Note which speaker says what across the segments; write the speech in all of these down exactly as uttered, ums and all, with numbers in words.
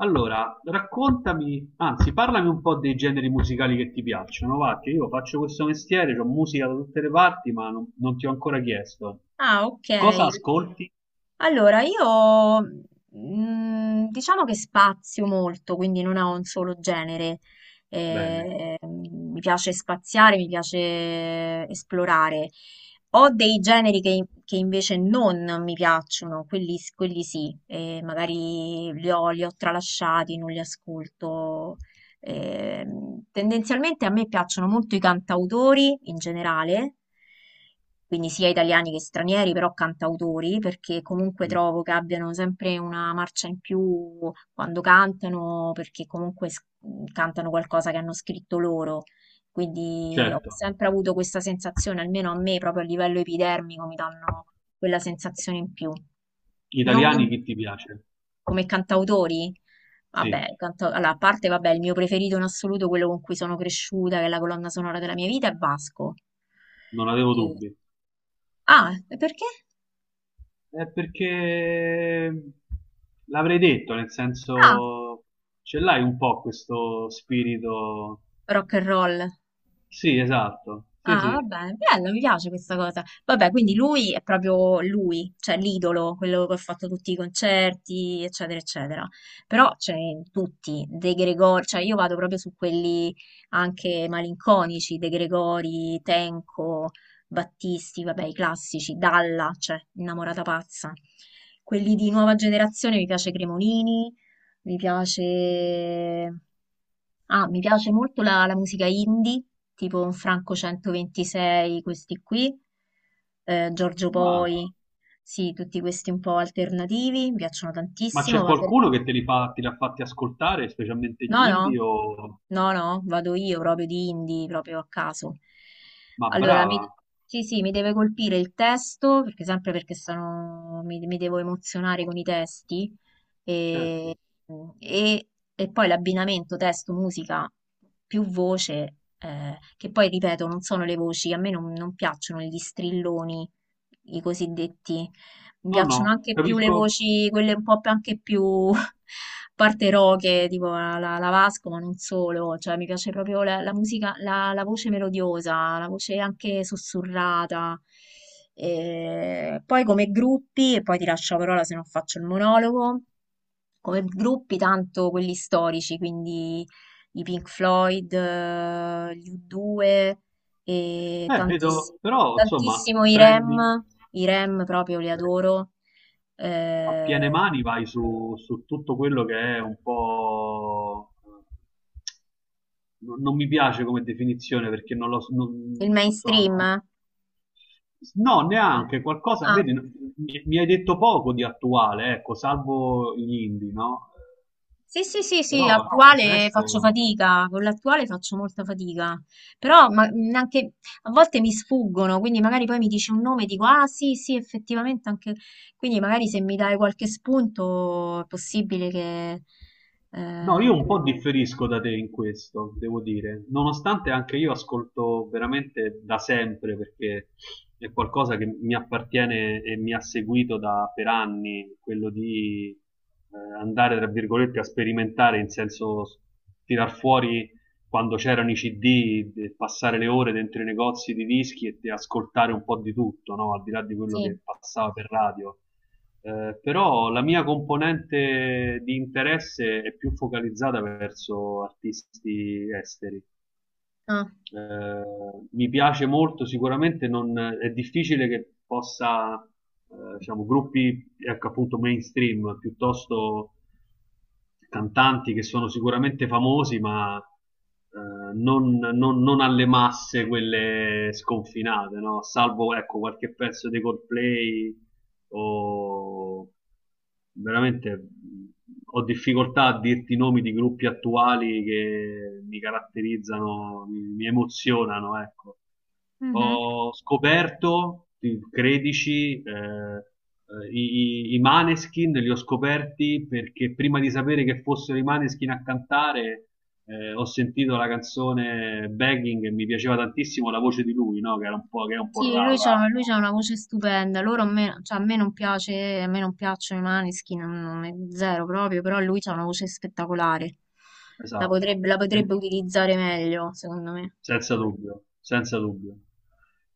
Speaker 1: Allora, raccontami, anzi, parlami un po' dei generi musicali che ti piacciono, va, che io faccio questo mestiere, ho musica da tutte le parti, ma non, non ti ho ancora chiesto.
Speaker 2: Ah, ok.
Speaker 1: Cosa ascolti?
Speaker 2: Allora, io mm, diciamo che spazio molto, quindi non ho un solo genere.
Speaker 1: Bene.
Speaker 2: Eh, mi piace spaziare, mi piace esplorare. Ho dei generi che, che invece non mi piacciono, quelli, quelli sì, eh, magari li ho, li ho tralasciati, non li ascolto. Ehm, tendenzialmente a me piacciono molto i cantautori in generale, quindi sia italiani che stranieri, però cantautori, perché comunque
Speaker 1: Mm,
Speaker 2: trovo che abbiano sempre una marcia in più quando cantano, perché comunque s- cantano qualcosa che hanno scritto loro. Quindi ho
Speaker 1: certo.
Speaker 2: sempre avuto questa sensazione, almeno a me, proprio a livello epidermico, mi danno quella sensazione in più. Non mi,
Speaker 1: Italiani chi ti piace?
Speaker 2: Come cantautori?
Speaker 1: Sì,
Speaker 2: Vabbè, canta- allora, a parte, vabbè, il mio preferito in assoluto, quello con cui sono cresciuta, che è la colonna sonora della mia vita, è Vasco.
Speaker 1: non avevo
Speaker 2: E-
Speaker 1: dubbi.
Speaker 2: Ah, e perché?
Speaker 1: È perché l'avrei detto, nel
Speaker 2: Ah,
Speaker 1: senso, ce l'hai un po' questo spirito.
Speaker 2: rock and roll.
Speaker 1: Sì, esatto. Sì,
Speaker 2: Ah, va
Speaker 1: sì.
Speaker 2: bene, bello, mi piace questa cosa. Vabbè, quindi lui è proprio lui, cioè l'idolo, quello che ha fatto tutti i concerti, eccetera, eccetera. Però c'è tutti, De Gregori, cioè io vado proprio su quelli anche malinconici, De Gregori, Tenco, Battisti, vabbè, i classici, Dalla, cioè innamorata pazza. Quelli di nuova generazione mi piace Cremonini, mi piace... Ah, mi piace molto la, la musica indie, tipo un Franco centoventisei, questi qui, eh, Giorgio
Speaker 1: Ah.
Speaker 2: Poi, sì, tutti questi un po' alternativi, mi piacciono
Speaker 1: Ma
Speaker 2: tantissimo,
Speaker 1: c'è
Speaker 2: ma per...
Speaker 1: qualcuno che te li fa, te li ha fatti ascoltare, specialmente
Speaker 2: No,
Speaker 1: gli
Speaker 2: no,
Speaker 1: indie o...
Speaker 2: no, no, vado io proprio di indie, proprio a caso.
Speaker 1: Ma
Speaker 2: Allora, mi...
Speaker 1: brava,
Speaker 2: sì, sì, mi deve colpire il testo, perché sempre perché sono... mi, mi devo emozionare con i testi,
Speaker 1: certo.
Speaker 2: Mm, E, e poi l'abbinamento testo, musica, più voce, eh, che poi ripeto, non sono le voci, a me non, non piacciono gli strilloni, i cosiddetti, mi
Speaker 1: No,
Speaker 2: piacciono
Speaker 1: no,
Speaker 2: anche più le
Speaker 1: capisco.
Speaker 2: voci, quelle un po' più- anche più parte roche, tipo la, la- la Vasco, ma non solo, cioè mi piace proprio la, la musica, la, la voce melodiosa, la voce anche sussurrata. E poi come gruppi, e poi ti lascio la parola se non faccio il monologo come gruppi tanto quelli storici, quindi i Pink Floyd, eh, gli U due e
Speaker 1: Eh,
Speaker 2: tantiss-
Speaker 1: vedo, però, insomma,
Speaker 2: tantissimo i
Speaker 1: prendi.
Speaker 2: REM, i REM proprio li adoro.
Speaker 1: A piene
Speaker 2: Eh,
Speaker 1: mani vai su, su tutto quello che è un po'... Non, non mi piace come definizione perché non lo so. Non,
Speaker 2: il
Speaker 1: insomma, non-
Speaker 2: mainstream?
Speaker 1: No,
Speaker 2: No.
Speaker 1: neanche qualcosa,
Speaker 2: Ah.
Speaker 1: vedi, no- mi, mi hai detto poco di attuale, ecco, salvo gli indie, no?
Speaker 2: Sì, sì, sì, sì,
Speaker 1: Però il
Speaker 2: attuale faccio
Speaker 1: resto...
Speaker 2: fatica, con l'attuale faccio molta fatica, però ma, mh, anche a volte mi sfuggono, quindi magari poi mi dici un nome e dico, ah sì, sì, effettivamente anche, quindi magari se mi dai qualche spunto è possibile che...
Speaker 1: No,
Speaker 2: eh,
Speaker 1: io un po' differisco da te in questo, devo dire, nonostante anche io ascolto veramente da sempre, perché è qualcosa che mi appartiene e mi ha seguito da, per anni, quello di eh, andare, tra virgolette, a sperimentare, in senso s- tirar fuori quando c'erano i C D, de- passare le ore dentro i negozi di dischi e de- ascoltare un po' di tutto, no? Al di là di quello
Speaker 2: sì.
Speaker 1: che passava per radio. Eh, però la mia componente di interesse è più focalizzata verso artisti esteri.
Speaker 2: Ah,
Speaker 1: Eh, Mi piace molto, sicuramente non, è difficile che possa, eh, diciamo, gruppi ecco, appunto mainstream, piuttosto cantanti che sono sicuramente famosi, ma eh, non, non- non alle masse quelle sconfinate, no? Salvo ecco, qualche pezzo di Coldplay o veramente mh, ho difficoltà a dirti i nomi di gruppi attuali che mi caratterizzano, mi, mi emozionano, ecco
Speaker 2: mhm.
Speaker 1: ho scoperto, ti- credici, eh, eh, i, i i Maneskin li ho scoperti perché prima di sapere che fossero i Maneskin a cantare, eh, ho sentito la canzone Begging e mi piaceva tantissimo la voce di lui, no? Che era un po', che è un po'
Speaker 2: Sì, lui
Speaker 1: rauca.
Speaker 2: c'ha, lui c'ha una voce stupenda. Loro a me, cioè, a me non piace, a me non piacciono i Maneskin, non, non è zero proprio, però lui c'ha una voce spettacolare. La
Speaker 1: Esatto.
Speaker 2: potrebbe, la
Speaker 1: E-
Speaker 2: potrebbe utilizzare meglio, secondo me.
Speaker 1: Senza dubbio, senza dubbio.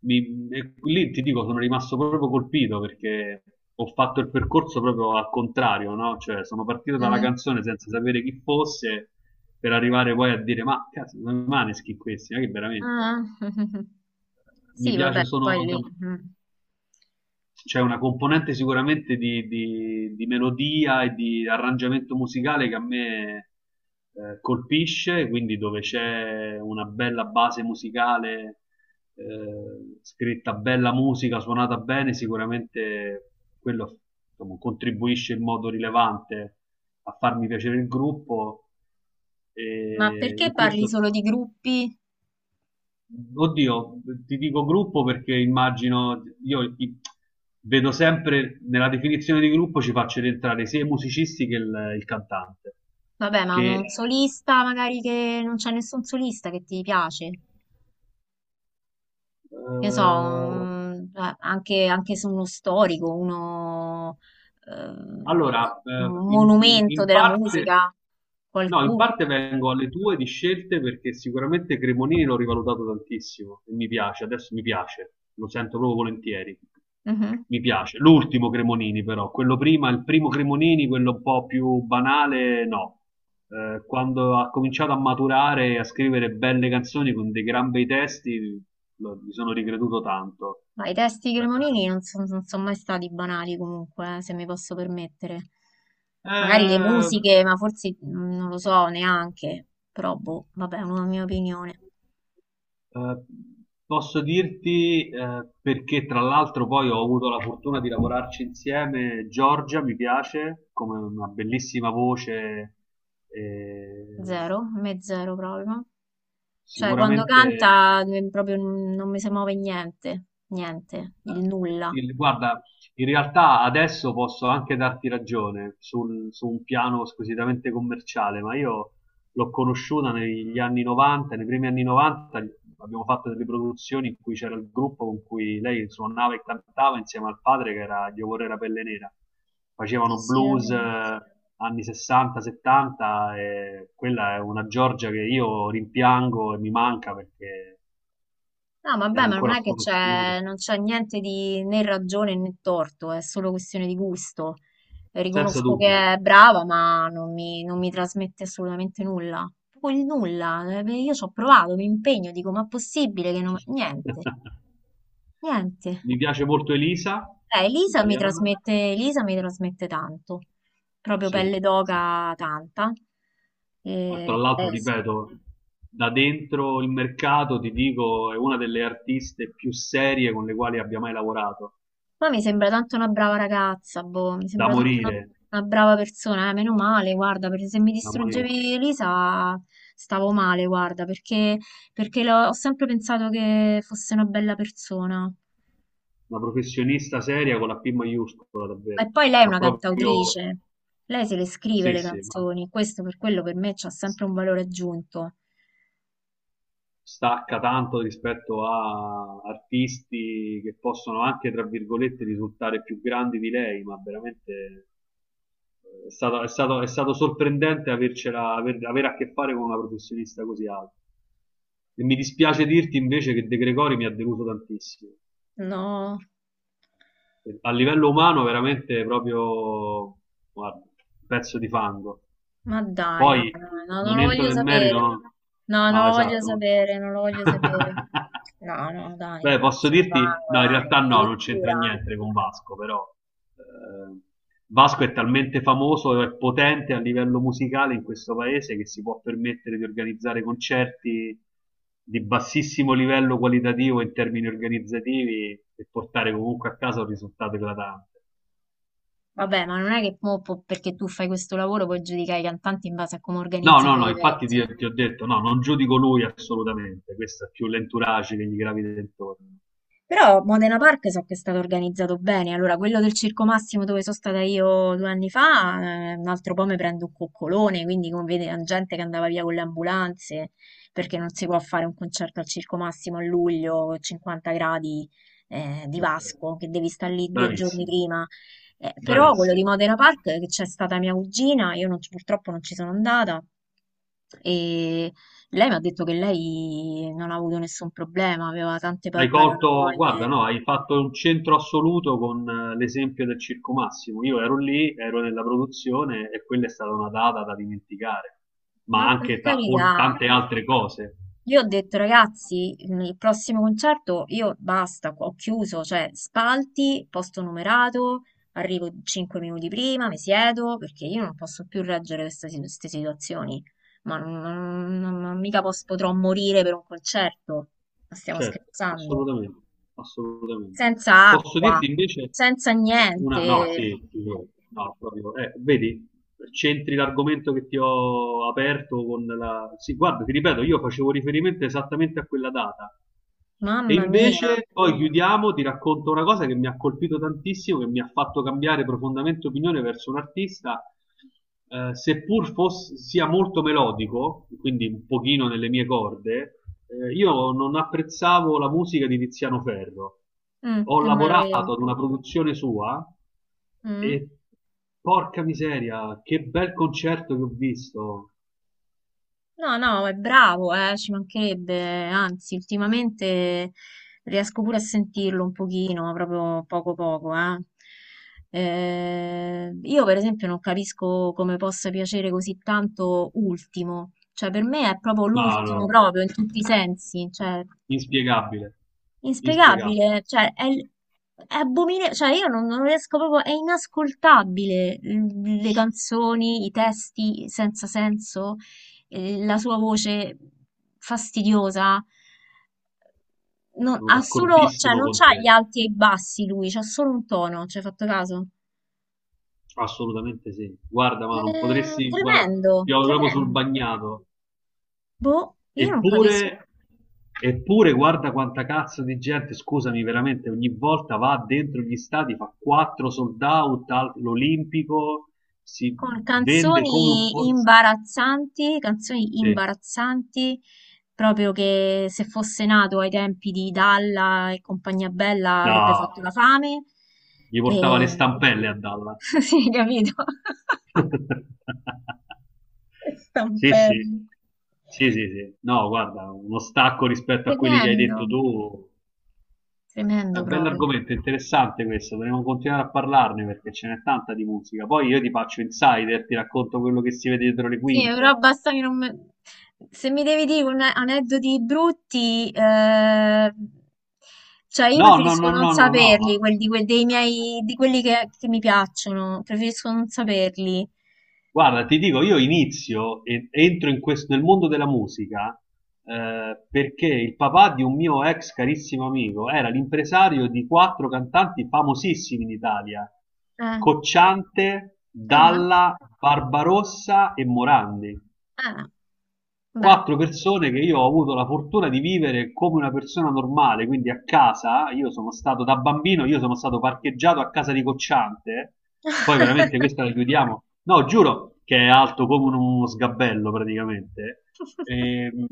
Speaker 1: Mi- e lì ti dico, sono rimasto proprio colpito perché ho fatto il percorso proprio al contrario, no? Cioè, sono partito dalla
Speaker 2: Mhm.
Speaker 1: canzone senza sapere chi fosse per arrivare poi a dire, ma cazzo, sono i Maneskin questi, ma che veramente
Speaker 2: Ah,
Speaker 1: mi
Speaker 2: sì, vabbè,
Speaker 1: piace, sono
Speaker 2: poi lì. Mm.
Speaker 1: c'è una componente sicuramente di, di- di melodia e di arrangiamento musicale che a me eh, colpisce, quindi dove c'è una bella base musicale, eh, scritta bella musica, suonata bene, sicuramente quello insomma, contribuisce in modo rilevante a farmi piacere il gruppo.
Speaker 2: Ma
Speaker 1: E in
Speaker 2: perché parli
Speaker 1: questo
Speaker 2: solo di gruppi?
Speaker 1: Oddio, ti dico gruppo perché immagino, io i- vedo sempre nella definizione di gruppo ci faccio rientrare sia i musicisti che il, il cantante,
Speaker 2: Vabbè, ma
Speaker 1: che
Speaker 2: un solista magari che non c'è nessun solista che ti piace. Che so,
Speaker 1: eh,
Speaker 2: mm, eh, anche, anche se uno storico, uno, ehm,
Speaker 1: Allora, eh,
Speaker 2: un
Speaker 1: in, in-
Speaker 2: monumento
Speaker 1: in
Speaker 2: della
Speaker 1: parte,
Speaker 2: musica,
Speaker 1: no, in
Speaker 2: qualcuno.
Speaker 1: parte vengo alle tue di scelte perché sicuramente Cremonini l'ho rivalutato tantissimo e mi piace, adesso mi piace, lo sento proprio volentieri.
Speaker 2: Mhm.
Speaker 1: Mi piace. L'ultimo Cremonini però, quello prima, il primo Cremonini, quello un po' più banale, no. Eh, quando ha cominciato a maturare e a scrivere belle canzoni con dei gran bei testi, lo- mi sono ricreduto tanto.
Speaker 2: Ma i testi di
Speaker 1: Eh,
Speaker 2: Cremonini non sono mai stati banali comunque, eh, se mi posso permettere. Magari le
Speaker 1: eh,
Speaker 2: musiche, ma forse mm, non lo so neanche, però boh, vabbè, è una mia opinione.
Speaker 1: Eh, Posso dirti, eh, perché tra l'altro poi ho avuto la fortuna di lavorarci insieme, Giorgia mi piace come una bellissima voce, eh,
Speaker 2: Zero, a me zero proprio. Cioè, quando
Speaker 1: sicuramente
Speaker 2: canta eh, proprio non mi si muove niente, niente, il nulla.
Speaker 1: il- guarda, in realtà adesso posso anche darti ragione sul- su un piano squisitamente commerciale, ma io l'ho conosciuta negli anni novanta, nei primi anni novanta abbiamo fatto delle produzioni in cui c'era il gruppo con cui lei suonava e cantava insieme al padre che era Dio Vorrei Pelle Nera.
Speaker 2: Sì,
Speaker 1: Facevano
Speaker 2: sì.
Speaker 1: blues eh, anni sessanta, settanta e quella è una Giorgia che io rimpiango e mi manca perché
Speaker 2: No,
Speaker 1: era
Speaker 2: vabbè, ma non
Speaker 1: ancora
Speaker 2: è che
Speaker 1: sconosciuta,
Speaker 2: c'è non c'è niente di né ragione né torto, è solo questione di gusto.
Speaker 1: senza
Speaker 2: Riconosco
Speaker 1: dubbio.
Speaker 2: che è brava, ma non mi, non mi trasmette assolutamente nulla. Proprio il nulla. eh, Io ci ho provato, mi impegno, dico, ma è possibile che
Speaker 1: Ci
Speaker 2: non...
Speaker 1: sta.
Speaker 2: Niente, niente.
Speaker 1: Mi piace molto Elisa,
Speaker 2: Eh, Elisa mi
Speaker 1: italiana.
Speaker 2: trasmette, Elisa mi trasmette tanto, proprio
Speaker 1: Sì,
Speaker 2: pelle
Speaker 1: sì.
Speaker 2: d'oca tanta.
Speaker 1: Ma tra
Speaker 2: Eh,
Speaker 1: l'altro,
Speaker 2: eh, sì.
Speaker 1: ripeto, da dentro il mercato ti dico, è una delle artiste più serie con le quali abbia mai lavorato.
Speaker 2: Ma mi sembra tanto una brava ragazza, boh, mi
Speaker 1: Da
Speaker 2: sembra tanto una,
Speaker 1: morire,
Speaker 2: una brava persona, eh, meno male, guarda, perché se mi
Speaker 1: da morire.
Speaker 2: distruggevi Elisa stavo male, guarda, perché, perché l'ho- ho sempre pensato che fosse una bella persona.
Speaker 1: Una professionista seria con la P maiuscola, davvero.
Speaker 2: E poi lei è
Speaker 1: Ma
Speaker 2: una
Speaker 1: proprio,
Speaker 2: cantautrice, lei se le scrive
Speaker 1: sì,
Speaker 2: le
Speaker 1: sì, ma
Speaker 2: canzoni, questo per quello per me c'ha sempre un valore aggiunto.
Speaker 1: stacca tanto rispetto a artisti che possono anche, tra virgolette, risultare più grandi di lei, ma veramente eh, è stato, è stato- è stato sorprendente avercela, aver- avere a che fare con una professionista così alta. E mi dispiace dirti invece che De Gregori mi ha deluso tantissimo.
Speaker 2: No.
Speaker 1: A livello umano veramente proprio guarda, un pezzo di fango.
Speaker 2: Ma dai, no,
Speaker 1: Poi
Speaker 2: no, no, no, non
Speaker 1: non
Speaker 2: lo
Speaker 1: entro
Speaker 2: voglio
Speaker 1: nel merito,
Speaker 2: sapere.
Speaker 1: non-
Speaker 2: No, non
Speaker 1: no,
Speaker 2: lo voglio
Speaker 1: esatto.
Speaker 2: sapere, non lo voglio sapere. No, no, dai,
Speaker 1: Beh,
Speaker 2: un
Speaker 1: posso
Speaker 2: pezzo di
Speaker 1: dirti
Speaker 2: fango,
Speaker 1: no, in
Speaker 2: dai.
Speaker 1: realtà no, non c'entra
Speaker 2: Addirittura,
Speaker 1: niente con Vasco, però eh, Vasco è talmente famoso e potente a livello musicale in questo paese che si può permettere di organizzare concerti di bassissimo livello qualitativo in termini organizzativi e portare comunque a casa un risultato eclatante.
Speaker 2: vabbè, ma non è che mo po- perché tu fai questo lavoro puoi giudicare i cantanti in base a come
Speaker 1: No, no,
Speaker 2: organizzano gli
Speaker 1: no, infatti ti,
Speaker 2: eventi.
Speaker 1: ti ho detto, no, non giudico lui assolutamente, questo è più l'entourage che gli gravita intorno.
Speaker 2: Però Modena Park so che è stato organizzato bene, allora quello del Circo Massimo dove sono stata io due anni fa, eh, un altro po' mi prendo un coccolone, quindi come vede la gente che andava via con le ambulanze, perché non si può fare un concerto al Circo Massimo a luglio, con cinquanta gradi eh, di
Speaker 1: Perfetto.
Speaker 2: Vasco, che devi stare lì due giorni
Speaker 1: Bravissimo,
Speaker 2: prima. Eh, però quello di
Speaker 1: bravissimo.
Speaker 2: Modena Park, che c'è stata mia cugina, io non ci- purtroppo non ci sono andata, e lei mi ha detto che lei non ha avuto nessun problema, aveva tante pa-
Speaker 1: Hai colto, guarda,
Speaker 2: paranoie.
Speaker 1: no, hai fatto un centro assoluto con eh, l'esempio del Circo Massimo. Io ero lì, ero nella produzione e quella è stata una data da dimenticare, ma
Speaker 2: Ma per
Speaker 1: anche ta- o-
Speaker 2: carità,
Speaker 1: tante altre cose.
Speaker 2: io ho detto ragazzi, mm, il prossimo concerto io basta, ho chiuso, cioè spalti, posto numerato, arrivo cinque minuti prima, mi siedo, perché io non posso più reggere queste, si- queste situazioni. Ma non, non- non- non mica pos- potrò morire per un concerto. Ma stiamo
Speaker 1: Certo,
Speaker 2: scherzando.
Speaker 1: assolutamente, assolutamente.
Speaker 2: Senza
Speaker 1: Posso
Speaker 2: acqua,
Speaker 1: dirti invece
Speaker 2: senza
Speaker 1: una,
Speaker 2: niente.
Speaker 1: no, sì, figurati, no, no, proprio, eh, vedi, c'entri l'argomento che ti ho aperto con la... Sì, guarda, ti ripeto, io facevo riferimento esattamente a quella data. E
Speaker 2: Mamma mia.
Speaker 1: invece, poi chiudiamo, ti racconto una cosa che mi ha colpito tantissimo, che mi ha fatto cambiare profondamente opinione verso un artista eh, seppur fosse, sia molto melodico, quindi un pochino nelle mie corde, eh, io non apprezzavo la musica di Tiziano Ferro.
Speaker 2: Mm,
Speaker 1: Ho
Speaker 2: nemmeno io.
Speaker 1: lavorato ad una produzione sua
Speaker 2: Mm.
Speaker 1: e porca miseria, che bel concerto che ho visto.
Speaker 2: No, no, è bravo, eh, ci mancherebbe. Anzi, ultimamente riesco pure a sentirlo un pochino, ma proprio poco poco, eh. Eh, io per esempio non capisco come possa piacere così tanto Ultimo, cioè per me è proprio
Speaker 1: Ma
Speaker 2: l'ultimo
Speaker 1: no,
Speaker 2: proprio in tutti i sensi, cioè
Speaker 1: inspiegabile, inspiegabile.
Speaker 2: inspiegabile, cioè è, l- è abomine- cioè io non, non riesco proprio, è inascoltabile l- le canzoni, i testi senza senso, eh, la sua voce fastidiosa. Non,
Speaker 1: Sono
Speaker 2: ha solo, cioè
Speaker 1: d'accordissimo
Speaker 2: non
Speaker 1: con
Speaker 2: c'ha gli
Speaker 1: te.
Speaker 2: alti e i bassi lui, c'ha solo un tono, ci hai fatto caso?
Speaker 1: Assolutamente sì. Guarda, ma non
Speaker 2: Eh,
Speaker 1: potresti, guarda,
Speaker 2: tremendo,
Speaker 1: piove proprio sul
Speaker 2: tremendo.
Speaker 1: bagnato.
Speaker 2: Boh, io non capisco.
Speaker 1: Eppure, eppure guarda quanta cazzo di gente, scusami veramente, ogni volta va dentro gli stadi, fa quattro sold out all'Olimpico, si
Speaker 2: Con
Speaker 1: vende come
Speaker 2: canzoni
Speaker 1: forse...
Speaker 2: imbarazzanti, canzoni
Speaker 1: Sì.
Speaker 2: imbarazzanti, proprio che se fosse nato ai tempi di Dalla e compagnia bella avrebbe fatto
Speaker 1: No,
Speaker 2: la fame.
Speaker 1: gli portava le
Speaker 2: E...
Speaker 1: stampelle a Dalla.
Speaker 2: sì, capito?
Speaker 1: Sì, sì,
Speaker 2: Stampello.
Speaker 1: sì, sì, sì. No, guarda, uno stacco rispetto a quelli che hai
Speaker 2: Tremendo,
Speaker 1: detto tu. È
Speaker 2: tremendo
Speaker 1: un
Speaker 2: proprio.
Speaker 1: bell'argomento, interessante questo, dovremmo continuare a parlarne perché ce n'è tanta di musica. Poi io ti faccio insider, ti racconto quello che si vede dietro le
Speaker 2: Sì, però
Speaker 1: quinte.
Speaker 2: basta che non me- se mi devi dire un- aneddoti brutti, eh, cioè io
Speaker 1: No, no,
Speaker 2: preferisco
Speaker 1: no,
Speaker 2: non
Speaker 1: no, no, no, ma
Speaker 2: saperli, quelli, di que- dei miei, di quelli che, che mi piacciono, preferisco non saperli.
Speaker 1: guarda, ti dico, io inizio e entro in questo, nel mondo della musica eh, perché il papà di un mio ex carissimo amico era l'impresario di quattro cantanti famosissimi in Italia,
Speaker 2: Eh,
Speaker 1: Cocciante,
Speaker 2: ah,
Speaker 1: Dalla, Barbarossa e Morandi.
Speaker 2: ah, beh.
Speaker 1: Quattro persone che io ho avuto la fortuna di vivere come una persona normale, quindi a casa, io sono stato da bambino, io sono stato parcheggiato a casa di Cocciante, poi veramente questa la chiudiamo, no, giuro che è alto come uno sgabello praticamente. Ehm,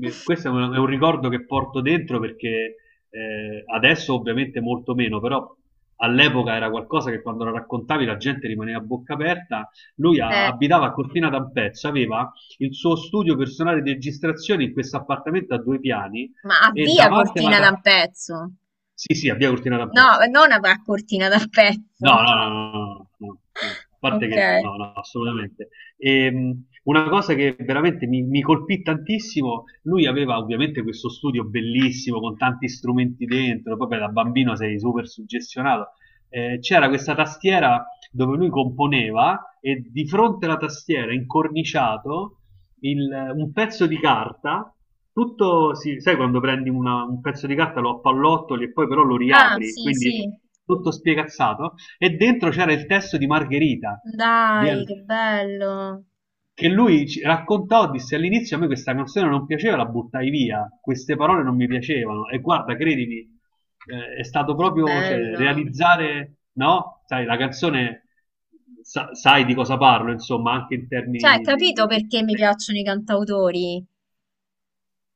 Speaker 1: eh, Questo è un, è un ricordo che porto dentro perché eh, adesso ovviamente molto meno, però all'epoca era qualcosa che quando lo raccontavi la gente rimaneva a bocca aperta. Lui a-
Speaker 2: Eh,
Speaker 1: abitava a Cortina d'Ampezzo, aveva il suo studio personale di registrazione in questo appartamento a due piani
Speaker 2: ma
Speaker 1: e
Speaker 2: avvia
Speaker 1: davanti alla...
Speaker 2: Cortina da
Speaker 1: ta-
Speaker 2: un pezzo.
Speaker 1: Sì, sì, a via Cortina
Speaker 2: No,
Speaker 1: d'Ampezzo.
Speaker 2: non avrà Cortina da un pezzo.
Speaker 1: No, no, no, no, no, no. No. A parte
Speaker 2: Ok.
Speaker 1: che no, no, assolutamente. Ehm, una cosa che veramente mi, mi colpì tantissimo, lui aveva ovviamente questo studio bellissimo con tanti strumenti dentro, poi beh, da bambino sei super suggestionato. Eh, c'era questa tastiera dove lui componeva e di fronte alla tastiera, incorniciato, il- un pezzo di carta, tutto, si- sai quando prendi una- un pezzo di carta, lo appallottoli e poi però lo
Speaker 2: Ah,
Speaker 1: riapri,
Speaker 2: sì, sì.
Speaker 1: quindi tutto spiegazzato. E dentro c'era il testo di Margherita, di
Speaker 2: Dai, che
Speaker 1: Al-
Speaker 2: bello.
Speaker 1: che lui ci raccontò, disse all'inizio a me questa canzone non piaceva, la buttai via, queste parole non mi piacevano. E guarda, credimi, eh, è stato
Speaker 2: Che
Speaker 1: proprio cioè,
Speaker 2: bello.
Speaker 1: realizzare, no? Sai, la canzone, sa- sai di cosa parlo, insomma, anche in termini
Speaker 2: Cioè,
Speaker 1: di... di-
Speaker 2: capito
Speaker 1: di- di-
Speaker 2: perché mi
Speaker 1: di-
Speaker 2: piacciono i cantautori?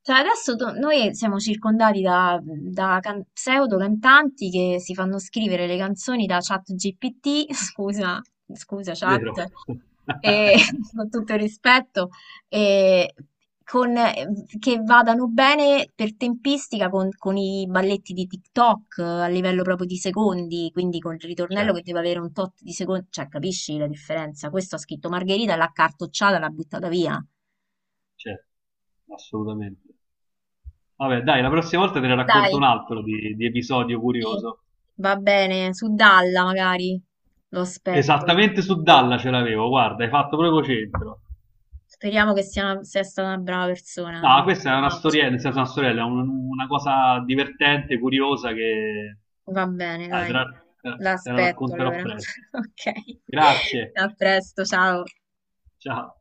Speaker 2: Cioè adesso do- noi siamo circondati da, da can- pseudo cantanti che si fanno scrivere le canzoni da chat G P T, scusa, scusa
Speaker 1: vero?
Speaker 2: chat, e, con tutto il rispetto, e con- che vadano bene per tempistica con, con i balletti di TikTok eh, a livello proprio di secondi, quindi con il ritornello
Speaker 1: Certo,
Speaker 2: che deve avere un tot di secondi, cioè capisci la differenza? Questo ha scritto Margherita, l'ha cartocciata, l'ha buttata via.
Speaker 1: certo, assolutamente. Vabbè, dai, la prossima volta te ne racconto un
Speaker 2: Dai.
Speaker 1: altro di, di episodio
Speaker 2: Sì,
Speaker 1: curioso.
Speaker 2: va bene, su Dalla magari lo aspetto.
Speaker 1: Esattamente su Dalla ce l'avevo, guarda, hai fatto proprio centro.
Speaker 2: Speriamo che sia, una- sia stata una brava persona,
Speaker 1: No,
Speaker 2: come
Speaker 1: questa è una
Speaker 2: immagino.
Speaker 1: storiella, nel senso una storiella, è un- una cosa divertente, curiosa che
Speaker 2: Va bene,
Speaker 1: ah, te
Speaker 2: dai.
Speaker 1: la, te la- te la
Speaker 2: L'aspetto
Speaker 1: racconterò
Speaker 2: allora.
Speaker 1: presto.
Speaker 2: Ok.
Speaker 1: Grazie,
Speaker 2: A presto, ciao.
Speaker 1: ciao.